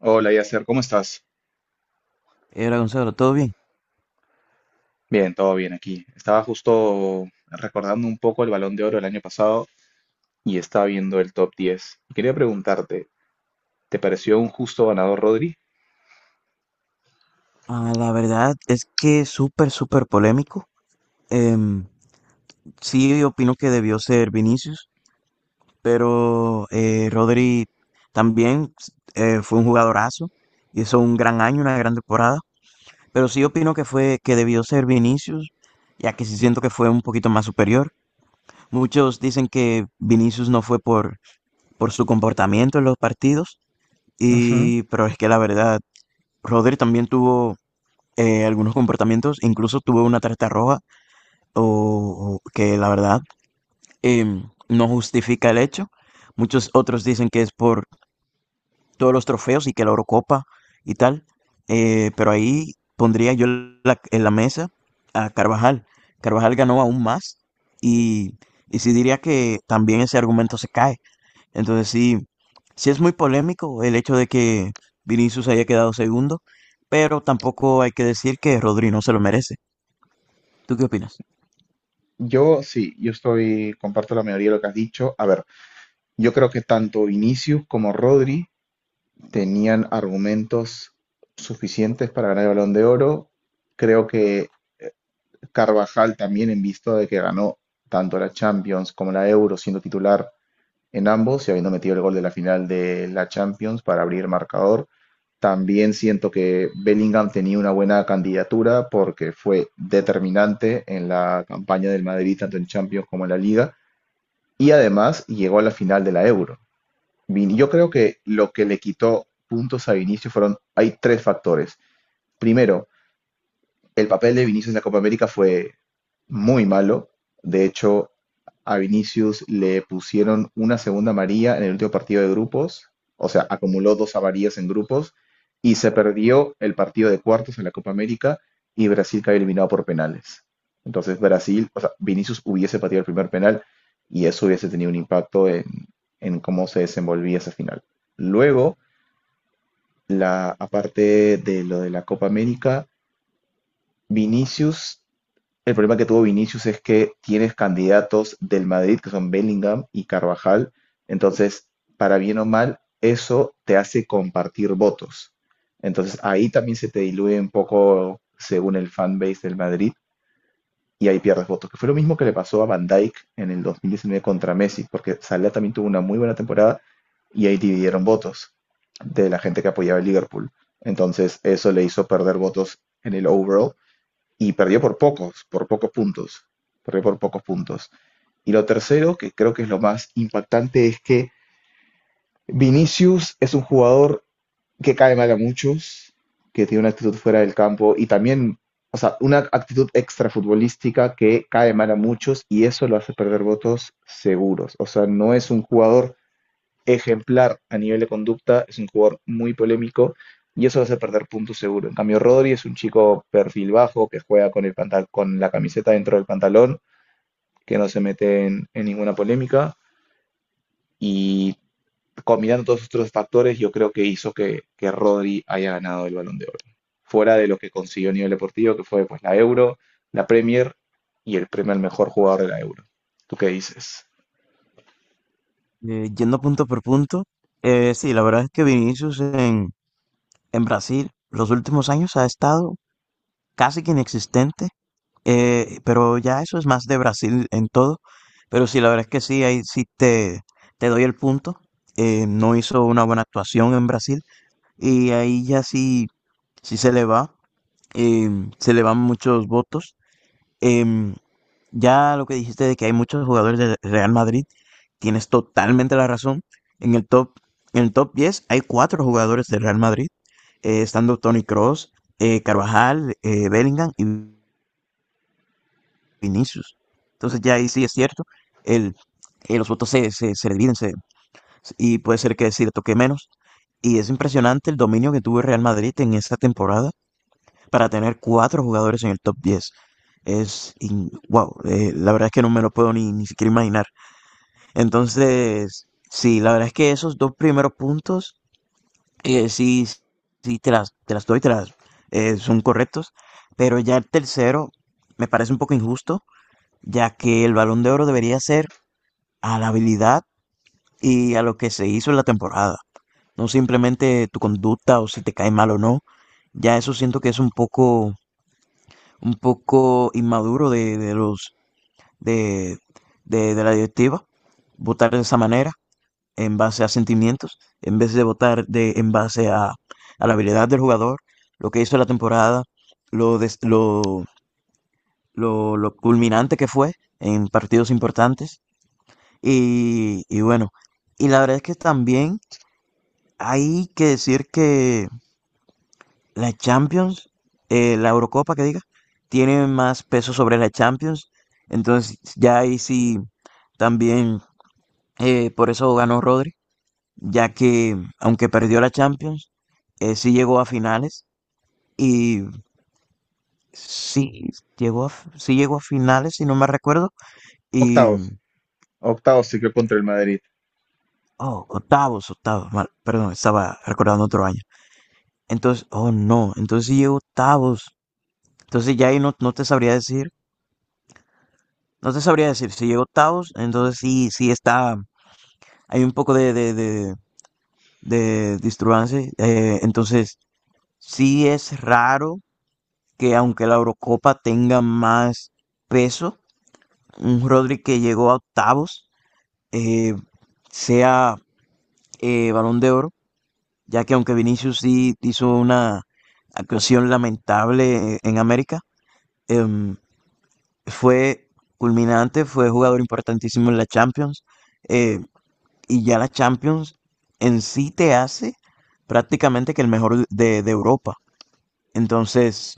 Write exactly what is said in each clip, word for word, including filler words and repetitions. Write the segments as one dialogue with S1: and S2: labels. S1: Hola, Yasser, ¿cómo estás?
S2: Eh, Hola Gonzalo, ¿todo bien?
S1: Bien, todo bien aquí. Estaba justo recordando un poco el Balón de Oro del año pasado y estaba viendo el top diez Y quería preguntarte, ¿te pareció un justo ganador, Rodri?
S2: Ah, la verdad es que es súper, súper polémico. Em, sí, opino que debió ser Vinicius, pero eh, Rodri también eh, fue un jugadorazo, hizo un gran año, una gran temporada, pero sí opino que fue que debió ser Vinicius, ya que sí siento que fue un poquito más superior. Muchos dicen que Vinicius no fue por, por su comportamiento en los partidos,
S1: Ujú.
S2: y, pero es que la verdad, Rodri también tuvo eh, algunos comportamientos. Incluso tuve una tarjeta roja o, o que la verdad em, no justifica el hecho. Muchos otros dicen que es por todos los trofeos y que la Eurocopa y tal. Eh, pero ahí pondría yo la- en la mesa a Carvajal. Carvajal ganó aún más y, y sí diría que también ese argumento se cae. Entonces sí, sí es muy polémico el hecho de que Vinicius haya quedado segundo, pero tampoco hay que decir que Rodri no se lo merece. ¿Tú qué opinas?
S1: Yo sí, yo estoy, comparto la mayoría de lo que has dicho. A ver, yo creo que tanto Vinicius como Rodri tenían argumentos suficientes para ganar el Balón de Oro. Creo que Carvajal también, en vista de que ganó tanto la Champions como la Euro siendo titular en ambos y habiendo metido el gol de la final de la Champions para abrir marcador. También siento que Bellingham tenía una buena candidatura porque fue determinante en la campaña del Madrid, tanto en Champions como en la Liga, y además llegó a la final de la Euro. Vin- Yo creo que lo que le quitó puntos a Vinicius fueron, hay tres factores. Primero, el papel de Vinicius en la Copa América fue muy malo. De hecho, a Vinicius le pusieron una segunda amarilla en el último partido de grupos, o sea, acumuló dos amarillas en grupos y se perdió el partido de cuartos en la Copa América y Brasil cayó eliminado por penales. Entonces Brasil, o sea, Vinicius hubiese pateado el primer penal y eso hubiese tenido un impacto en, en cómo se desenvolvía esa final. Luego, la, aparte de lo de la Copa América, Vinicius el problema que tuvo Vinicius es que tienes candidatos del Madrid que son Bellingham y Carvajal. Entonces, para bien o mal, eso te hace compartir votos. Entonces, ahí también se te diluye un poco según el fanbase del Madrid y ahí pierdes votos. Que fue lo mismo que le pasó a Van Dijk en el dos mil diecinueve contra Messi, porque Salah también tuvo una muy buena temporada y ahí dividieron votos de la gente que apoyaba el Liverpool. Entonces, eso le hizo perder votos en el overall y perdió por pocos, por pocos puntos. Perdió por pocos puntos. Y lo tercero, que creo que es lo más impactante, es que Vinicius es un jugador que cae mal a muchos, que tiene una actitud fuera del campo y también, o sea, una actitud extrafutbolística que cae mal a muchos y eso lo hace perder votos seguros. O sea, no es un jugador ejemplar a nivel de conducta, es un jugador muy polémico y eso lo hace perder puntos seguro. En cambio, Rodri es un chico perfil bajo que juega con, el pantal con la camiseta dentro del pantalón, que no se mete en, en ninguna polémica y combinando todos estos factores yo creo que hizo que, que Rodri haya ganado el balón de oro. Fuera de lo que consiguió a nivel deportivo, que fue pues, la Euro, la Premier y el premio al mejor jugador de la Euro. ¿Tú qué dices?
S2: Eh, yendo punto por punto, eh, sí, la verdad es que Vinicius en, en Brasil los últimos años ha estado casi que inexistente, eh, pero ya eso es más de Brasil en todo. Pero sí, la verdad es que sí, ahí sí te, te doy el punto. Eh, no hizo una buena actuación en Brasil y ahí ya sí, sí se le va, em, se le van muchos votos. Em, ya lo que dijiste de que hay muchos jugadores del Real Madrid tienes totalmente la razón. En el top, en el top diez hay cuatro jugadores del Real Madrid, eh, estando Tony Cross, Carvajal, eh, Bellingham y Vinicius. Entonces ya ahí sí es cierto, el, eh, los votos se, se, se dividen se- y puede ser que decir toque menos. Y es impresionante el dominio que tuvo el Real Madrid en esta temporada para tener cuatro jugadores en el top diez. Es, in- wow, eh, la verdad es que no me lo puedo ni, ni siquiera imaginar. Entonces, sí, la verdad es que esos dos primeros puntos, eh, sí, sí, te las, te las doy, te las, eh, son correctos, pero ya el tercero me parece un poco injusto, ya que el Balón de Oro debería ser a la habilidad y a lo que se hizo en la temporada, no simplemente tu conducta o si te cae mal o no, ya eso siento que es un poco, un poco inmaduro de, de los, de, de, de la directiva, votar de esa manera. En base a sentimientos, en vez de votar de, en base a, a la habilidad del jugador, lo que hizo la temporada, lo, des- lo, lo, lo culminante que fue en partidos importantes. Y, y bueno, y la verdad es que también hay que decir que la Champions, eh, la Eurocopa que diga, tiene más peso sobre la Champions. Entonces ya ahí sí también eh, por eso ganó Rodri. Ya que aunque perdió la Champions, eh, sí llegó a finales y sí llegó a, sí llegó a finales, si no me recuerdo, y
S1: Octavos. Octavos se quedó contra el Madrid.
S2: oh, octavos, octavos, mal, perdón, estaba recordando otro año. Entonces, oh no, entonces sí llegó octavos. Entonces ya ahí no, no te sabría decir, no te sabría decir, si llegó octavos, entonces sí, sí está, hay un poco de, de, de, de disturbancia, eh, entonces sí es raro que aunque la Eurocopa tenga más peso, un Rodri que llegó a octavos eh, sea eh, Balón de Oro, ya que aunque Vinicius sí hizo una actuación lamentable eh, en América, eh, fue culminante, fue jugador importantísimo en la Champions, eh, y ya la Champions en sí te hace prácticamente que el mejor de, de Europa. Entonces,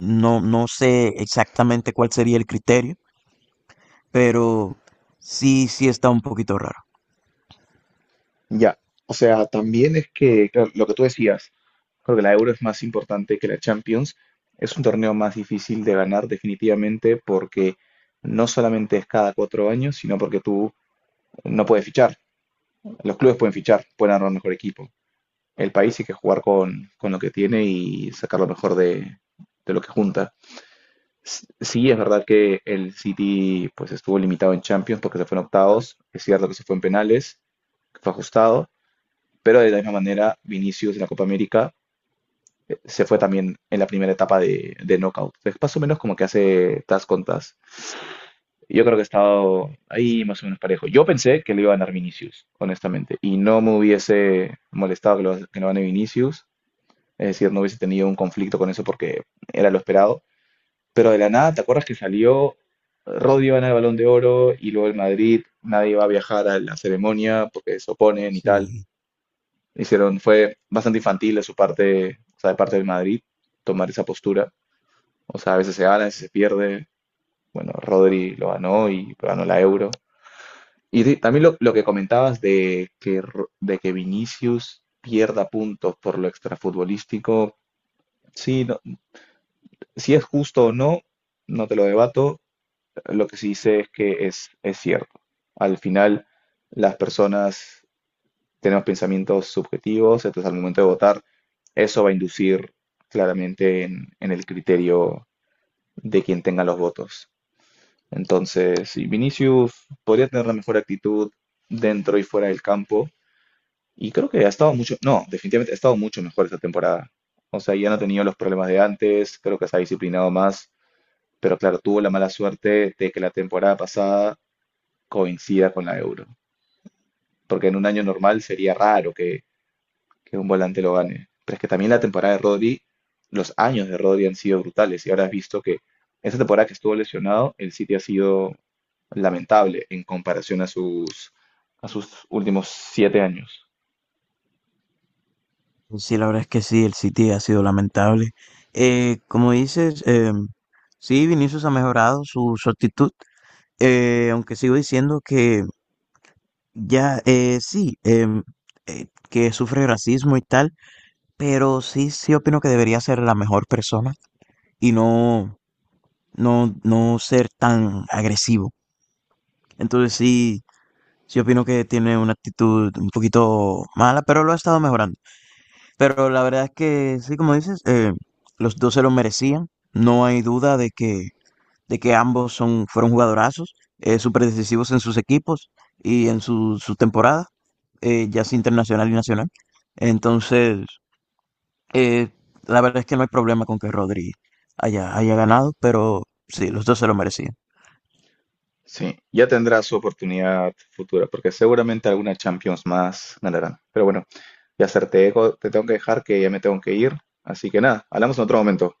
S2: no, no sé exactamente cuál sería el criterio pero sí, sí está un poquito raro.
S1: Ya, o sea, también es que, claro, lo que tú decías, creo que la Euro es más importante que la Champions, es un torneo más difícil de ganar definitivamente porque no solamente es cada cuatro años, sino porque tú no puedes fichar, los clubes pueden fichar, pueden armar mejor equipo, el país hay que jugar con, con lo que tiene y sacar lo mejor de, de lo que junta. S- Sí, es verdad que el City pues estuvo limitado en Champions porque se fue en octavos, es cierto que se fue en penales, que fue ajustado, pero de la misma manera, Vinicius en la Copa América eh, se fue también en la primera etapa de, de knockout. Es más o menos como que hace tas con tas. Yo creo que he estado ahí más o menos parejo. Yo pensé que le iba a ganar Vinicius, honestamente, y no me hubiese molestado que lo, que lo gane Vinicius. Es decir, no hubiese tenido un conflicto con eso porque era lo esperado. Pero de la nada, ¿te acuerdas que salió Rodri gana el Balón de Oro y luego el Madrid, nadie va a viajar a la ceremonia porque se oponen y tal?
S2: Sí,
S1: Hicieron, fue bastante infantil de su parte, o sea, de parte del Madrid, tomar esa postura. O sea, a veces se gana, a veces se pierde. Bueno, Rodri lo ganó y ganó la Euro. Y sí, también lo, lo que comentabas de que, Ro- de que Vinicius pierda puntos por lo extrafutbolístico, sí, no- si es justo o no, no te lo debato. Lo que sí sé es que es, es cierto. Al final, las personas tenemos pensamientos subjetivos, entonces al momento de votar, eso va a inducir claramente en, en el criterio de quien tenga los votos. Entonces, sí, Vinicius podría tener la mejor actitud dentro y fuera del campo, y creo que ha estado mucho, no, definitivamente ha estado mucho mejor esta temporada. O sea, ya no ha tenido los problemas de antes, creo que se ha disciplinado más, pero claro, tuvo la mala suerte de que la temporada pasada coincida con la Euro, porque en un año normal sería raro que que un volante lo gane. Pero es que también la temporada de Rodri, los años de Rodri han sido brutales y ahora has visto que esa temporada que estuvo lesionado, el City ha sido lamentable en comparación a sus, a sus últimos siete años.
S2: pues sí, la verdad es que sí, el City ha sido lamentable. Eh, como dices, em, sí, Vinicius ha mejorado su, su actitud, eh, aunque sigo diciendo que ya, eh, sí, em, eh, que sufre racismo y tal. Pero sí, sí opino que debería ser la mejor persona y no, no, no ser tan agresivo. Entonces sí, sí opino que tiene una actitud un poquito mala, pero lo ha estado mejorando. Pero la verdad es que sí, como dices, eh, los dos se lo merecían. No hay duda de que, de que ambos son, fueron jugadorazos, eh, súper decisivos en sus equipos y en su, su temporada, eh, ya sea internacional y nacional. Entonces Eh, la verdad es que no hay problema con que Rodri haya, haya ganado, pero sí, los dos se lo merecían.
S1: Sí, ya tendrá su oportunidad futura, porque seguramente alguna Champions más ganarán. Pero bueno, ya ser te te tengo que dejar que ya me tengo que ir. Así que nada, hablamos en otro momento.